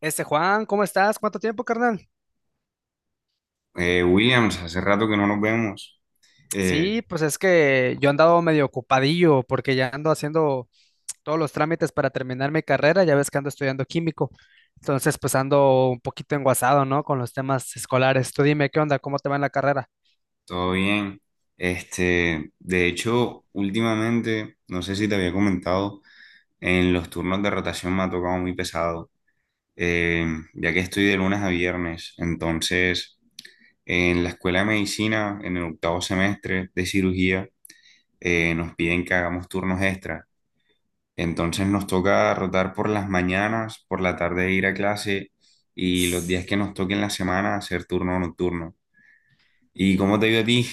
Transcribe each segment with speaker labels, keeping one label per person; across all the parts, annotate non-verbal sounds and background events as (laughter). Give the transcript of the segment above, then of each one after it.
Speaker 1: Este Juan, ¿cómo estás? ¿Cuánto tiempo, carnal?
Speaker 2: Williams, hace rato que no nos vemos. Eh,
Speaker 1: Sí, pues es que yo he andado medio ocupadillo porque ya ando haciendo todos los trámites para terminar mi carrera, ya ves que ando estudiando químico, entonces pues ando un poquito enguasado, ¿no? Con los temas escolares. Tú dime, ¿qué onda? ¿Cómo te va en la carrera?
Speaker 2: Todo bien. De hecho, últimamente, no sé si te había comentado, en los turnos de rotación me ha tocado muy pesado, eh, ya que estoy de lunes a viernes. Entonces, en la escuela de medicina, en el octavo semestre de cirugía, nos piden que hagamos turnos extra. Entonces nos toca rotar por las mañanas, por la tarde ir a clase y los días que nos toquen la semana hacer turno nocturno. ¿Y cómo te ha ido a ti?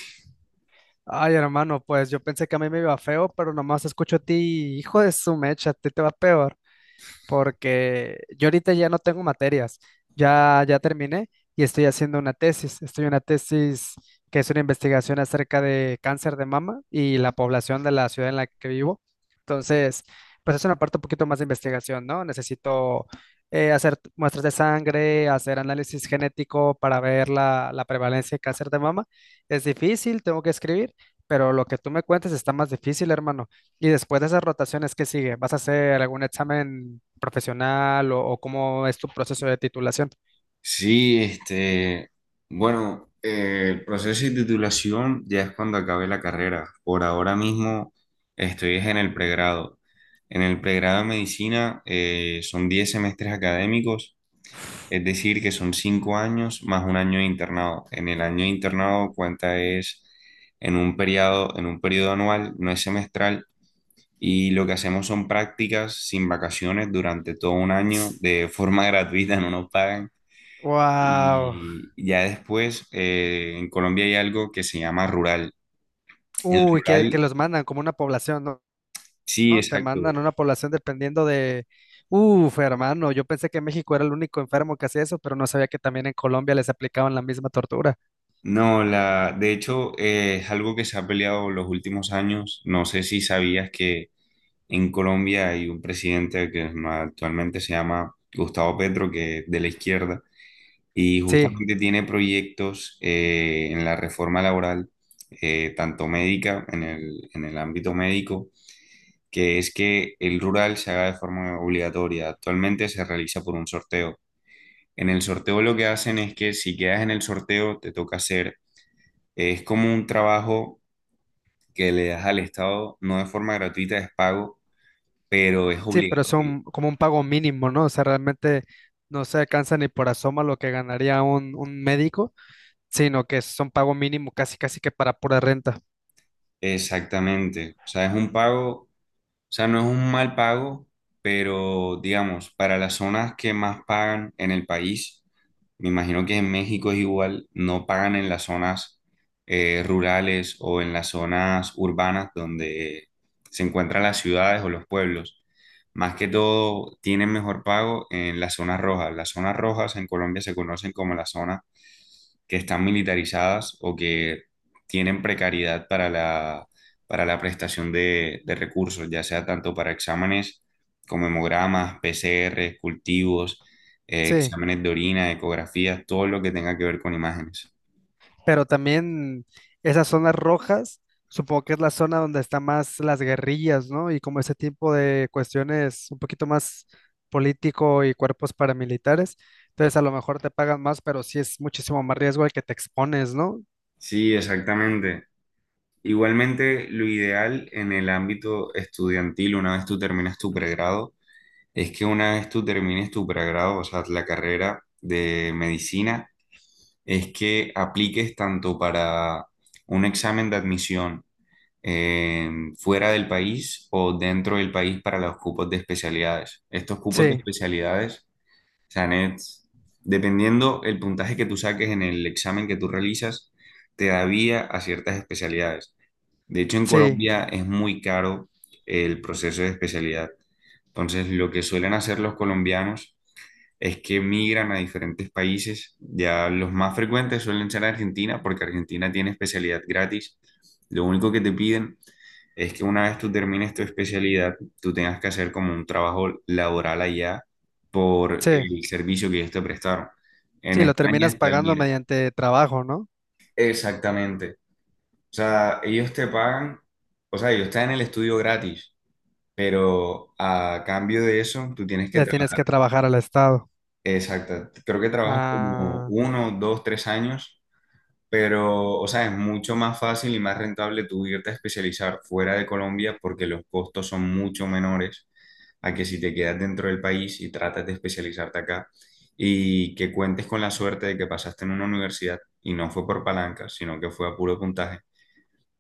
Speaker 1: Ay, hermano, pues yo pensé que a mí me iba feo, pero nomás escucho a ti, hijo de su mecha, a ti te va peor. Porque yo ahorita ya no tengo materias, ya, ya terminé y estoy haciendo una tesis. Estoy en una tesis que es una investigación acerca de cáncer de mama y la población de la ciudad en la que vivo. Entonces, pues es una parte un poquito más de investigación, ¿no? Necesito hacer muestras de sangre, hacer análisis genético para ver la prevalencia de cáncer de mama. Es difícil, tengo que escribir, pero lo que tú me cuentes está más difícil, hermano. Y después de esas rotaciones, ¿qué sigue? ¿Vas a hacer algún examen profesional o cómo es tu proceso de titulación?
Speaker 2: Sí, bueno, el proceso de titulación ya es cuando acabe la carrera. Por ahora mismo estoy es en el pregrado. En el pregrado de medicina son 10 semestres académicos, es decir, que son 5 años más un año de internado. En el año de internado cuenta es en un periodo anual, no es semestral, y lo que hacemos son prácticas sin vacaciones durante todo un año de forma (laughs) gratuita, no nos pagan.
Speaker 1: Wow.
Speaker 2: Y ya después, en Colombia hay algo que se llama rural. El
Speaker 1: Uy, que
Speaker 2: rural,
Speaker 1: los mandan como una población, ¿no?
Speaker 2: sí,
Speaker 1: ¿No? Te
Speaker 2: exacto.
Speaker 1: mandan una población dependiendo de... Uf, hermano, yo pensé que México era el único enfermo que hacía eso, pero no sabía que también en Colombia les aplicaban la misma tortura.
Speaker 2: No, la, de hecho, es algo que se ha peleado los últimos años. No sé si sabías que en Colombia hay un presidente que actualmente se llama Gustavo Petro, que es de la izquierda, y
Speaker 1: Sí,
Speaker 2: justamente tiene proyectos en la reforma laboral, tanto médica, en el ámbito médico, que es que el rural se haga de forma obligatoria. Actualmente se realiza por un sorteo. En el sorteo lo que hacen es que si quedas en el sorteo te toca hacer, es como un trabajo que le das al Estado, no de forma gratuita, es pago, pero es
Speaker 1: sí, pero es
Speaker 2: obligatorio.
Speaker 1: un, como un pago mínimo, ¿no? O sea, realmente no se alcanza ni por asoma lo que ganaría un médico, sino que es un pago mínimo casi, casi que para pura renta.
Speaker 2: Exactamente. O sea, es un pago. O sea, no es un mal pago, pero digamos, para las zonas que más pagan en el país, me imagino que en México es igual, no pagan en las zonas rurales o en las zonas urbanas donde se encuentran las ciudades o los pueblos. Más que todo, tienen mejor pago en las zonas rojas. Las zonas rojas en Colombia se conocen como las zonas que están militarizadas o que tienen precariedad para la prestación de recursos, ya sea tanto para exámenes como hemogramas, PCR, cultivos,
Speaker 1: Sí,
Speaker 2: exámenes de orina, ecografías, todo lo que tenga que ver con imágenes.
Speaker 1: pero también esas zonas rojas, supongo que es la zona donde están más las guerrillas, ¿no? Y como ese tipo de cuestiones un poquito más político y cuerpos paramilitares, entonces a lo mejor te pagan más, pero sí es muchísimo más riesgo al que te expones, ¿no?
Speaker 2: Sí, exactamente. Igualmente, lo ideal en el ámbito estudiantil, una vez tú terminas tu pregrado, es que una vez tú termines tu pregrado, o sea, la carrera de medicina, es que apliques tanto para un examen de admisión eh, fuera del país o dentro del país para los cupos de especialidades. Estos cupos de
Speaker 1: Sí,
Speaker 2: especialidades, o sea, dependiendo el puntaje que tú saques en el examen que tú realizas, te da vía a ciertas especialidades. De hecho, en
Speaker 1: sí,
Speaker 2: Colombia es muy caro el proceso de especialidad. Entonces, lo que suelen hacer los colombianos es que migran a diferentes países. Ya los más frecuentes suelen ser Argentina, porque Argentina tiene especialidad gratis. Lo único que te piden es que una vez tú termines tu especialidad, tú tengas que hacer como un trabajo laboral allá por
Speaker 1: sí,
Speaker 2: el servicio que ellos te prestaron. En
Speaker 1: sí, lo
Speaker 2: España
Speaker 1: terminas
Speaker 2: está el
Speaker 1: pagando
Speaker 2: MIR.
Speaker 1: mediante trabajo, ¿no?
Speaker 2: Exactamente. O sea, ellos te pagan, o sea, ellos están en el estudio gratis, pero a cambio de eso, tú tienes que
Speaker 1: Le tienes
Speaker 2: trabajar.
Speaker 1: que trabajar al Estado.
Speaker 2: Exacto, creo que trabajas como
Speaker 1: Ah,
Speaker 2: uno, dos, tres años, pero, o sea, es mucho más fácil y más rentable tú irte a especializar fuera de Colombia porque los costos son mucho menores a que si te quedas dentro del país y tratas de especializarte acá y que cuentes con la suerte de que pasaste en una universidad y no fue por palanca, sino que fue a puro puntaje.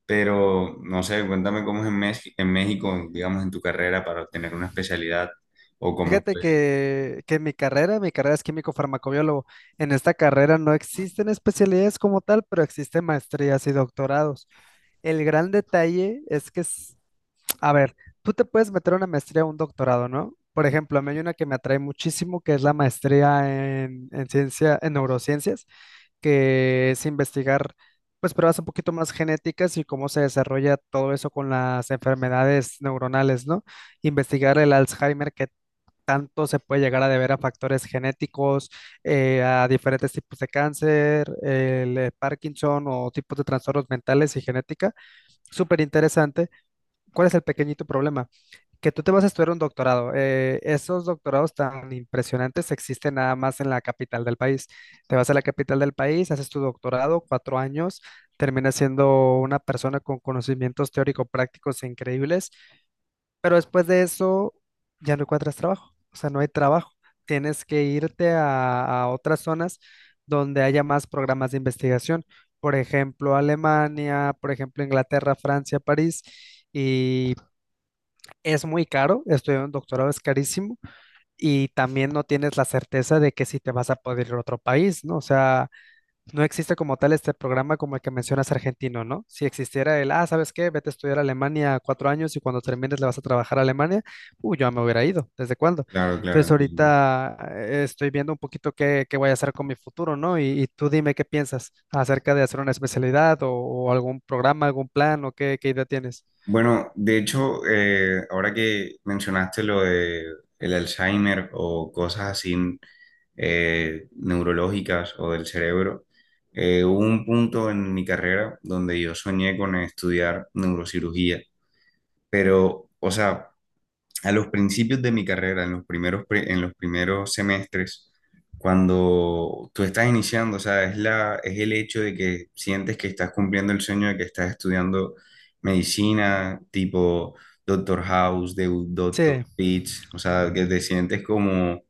Speaker 2: Pero, no sé, cuéntame cómo es en, en México, digamos, en tu carrera para obtener una especialidad o cómo
Speaker 1: fíjate
Speaker 2: fue.
Speaker 1: que mi carrera es químico-farmacobiólogo. En esta carrera no existen especialidades como tal, pero existen maestrías y doctorados. El gran detalle es que, a ver, tú te puedes meter a una maestría o un doctorado, ¿no? Por ejemplo, a mí hay una que me atrae muchísimo, que es la maestría en ciencia, en neurociencias, que es investigar, pues, pruebas un poquito más genéticas y cómo se desarrolla todo eso con las enfermedades neuronales, ¿no? Investigar el Alzheimer, que tanto se puede llegar a deber a factores genéticos, a diferentes tipos de cáncer, el Parkinson o tipos de trastornos mentales y genética. Súper interesante. ¿Cuál es el pequeñito problema? Que tú te vas a estudiar un doctorado. Esos doctorados tan impresionantes existen nada más en la capital del país. Te vas a la capital del país, haces tu doctorado, 4 años, terminas siendo una persona con conocimientos teórico-prácticos increíbles pero después de eso ya no encuentras trabajo, o sea, no hay trabajo. Tienes que irte a otras zonas donde haya más programas de investigación. Por ejemplo, Alemania, por ejemplo, Inglaterra, Francia, París. Y es muy caro, estudiar un doctorado es carísimo y también no tienes la certeza de que si te vas a poder ir a otro país, ¿no? O sea, no existe como tal este programa como el que mencionas argentino, ¿no? Si existiera el, ah, ¿sabes qué? Vete a estudiar a Alemania 4 años y cuando termines le vas a trabajar a Alemania, yo ya me hubiera ido, ¿desde cuándo?
Speaker 2: Claro, claro,
Speaker 1: Entonces
Speaker 2: entiendo.
Speaker 1: ahorita estoy viendo un poquito qué voy a hacer con mi futuro, ¿no? Y tú dime qué piensas acerca de hacer una especialidad o algún programa, algún plan o qué idea tienes.
Speaker 2: Bueno, de hecho, ahora que mencionaste lo de el Alzheimer o cosas así neurológicas o del cerebro, hubo un punto en mi carrera donde yo soñé con estudiar neurocirugía, pero, o sea, a los principios de mi carrera, en los primeros, en los primeros semestres, cuando tú estás iniciando, o sea, es la, es el hecho de que sientes que estás cumpliendo el sueño de que estás estudiando medicina, tipo Doctor House, de Doctor
Speaker 1: Sí,
Speaker 2: Pitch, o sea, que te sientes como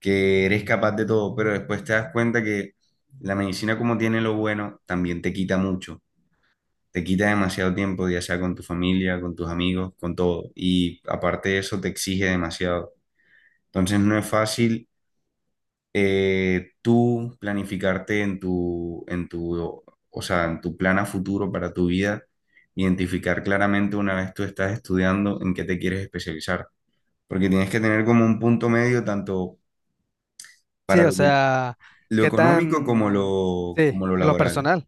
Speaker 2: que eres capaz de todo, pero después te das cuenta que la medicina como tiene lo bueno, también te quita mucho, te quita demasiado tiempo, ya sea con tu familia, con tus amigos, con todo. Y aparte de eso, te exige demasiado. Entonces no es fácil tú planificarte en tu, o sea, en tu plan a futuro para tu vida, identificar claramente una vez tú estás estudiando en qué te quieres especializar. Porque tienes que tener como un punto medio tanto
Speaker 1: sí,
Speaker 2: para
Speaker 1: o
Speaker 2: lo que-
Speaker 1: sea,
Speaker 2: lo
Speaker 1: qué
Speaker 2: económico
Speaker 1: tan, sí,
Speaker 2: como lo
Speaker 1: y lo
Speaker 2: laboral.
Speaker 1: personal.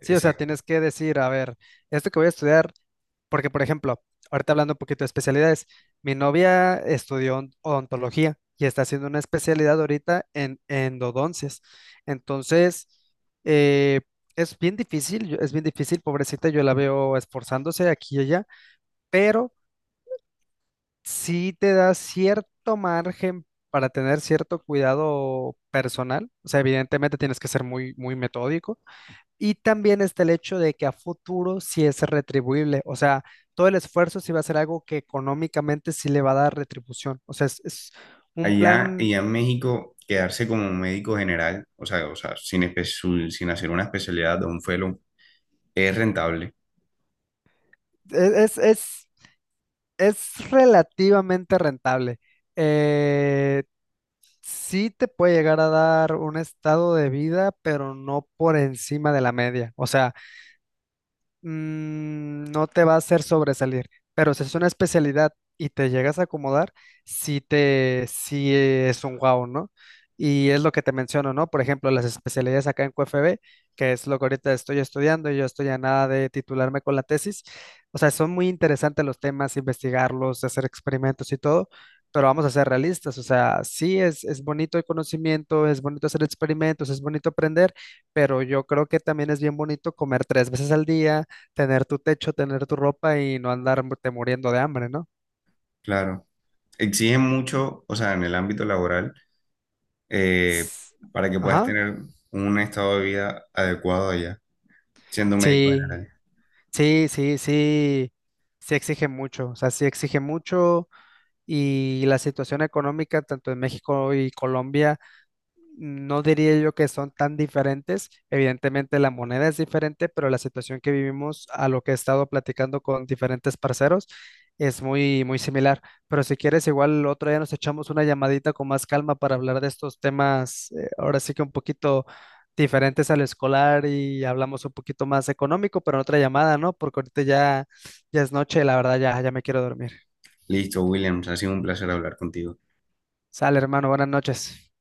Speaker 1: Sí, o sea,
Speaker 2: Exacto.
Speaker 1: tienes que decir, a ver, esto que voy a estudiar. Porque, por ejemplo, ahorita hablando un poquito de especialidades, mi novia estudió odontología y está haciendo una especialidad ahorita en endodoncias. Entonces, eh, es bien difícil, es bien difícil, pobrecita, yo la veo esforzándose aquí y allá, pero sí te da cierto margen para tener cierto cuidado personal. O sea, evidentemente tienes que ser muy, muy metódico y también está el hecho de que a futuro sí es retribuible, o sea, todo el esfuerzo sí va a ser algo que económicamente sí le va a dar retribución, o sea, es un
Speaker 2: Allá,
Speaker 1: plan,
Speaker 2: allá en México, quedarse como médico general, o sea, sin, sin hacer una especialidad de un fellow, es rentable,
Speaker 1: es, es, es- es relativamente rentable. Eh, sí te puede llegar a dar un estado de vida, pero no por encima de la media, o sea no te va a hacer sobresalir, pero si es una especialidad y te llegas a acomodar, sí es un wow, ¿no? Y es lo que te menciono, ¿no? Por ejemplo, las especialidades acá en QFB, que es lo que ahorita estoy estudiando y yo estoy a nada de titularme con la tesis. O sea, son muy interesantes los temas, investigarlos, hacer experimentos y todo, pero vamos a ser realistas. O sea, sí es bonito el conocimiento, es bonito hacer experimentos, es bonito aprender, pero yo creo que también es bien bonito comer 3 veces al día, tener tu techo, tener tu ropa y no andarte muriendo de hambre, ¿no?
Speaker 2: claro. Exigen mucho, o sea, en el ámbito laboral, eh,
Speaker 1: S-
Speaker 2: para que puedas
Speaker 1: Ajá.
Speaker 2: tener un estado de vida adecuado allá, siendo médico
Speaker 1: Sí,
Speaker 2: general.
Speaker 1: sí, sí, sí, sí exige mucho, o sea, sí exige mucho y la situación económica tanto en México y Colombia. No diría yo que son tan diferentes. Evidentemente la moneda es diferente, pero la situación que vivimos a lo que he estado platicando con diferentes parceros es muy, muy similar. Pero si quieres, igual otro día nos echamos una llamadita con más calma para hablar de estos temas, ahora sí que un poquito diferentes al escolar y hablamos un poquito más económico, pero en otra llamada, ¿no? Porque ahorita ya, ya es noche, la verdad ya, ya me quiero dormir.
Speaker 2: Listo, Williams, ha sido un placer hablar contigo.
Speaker 1: Sale, hermano, buenas noches.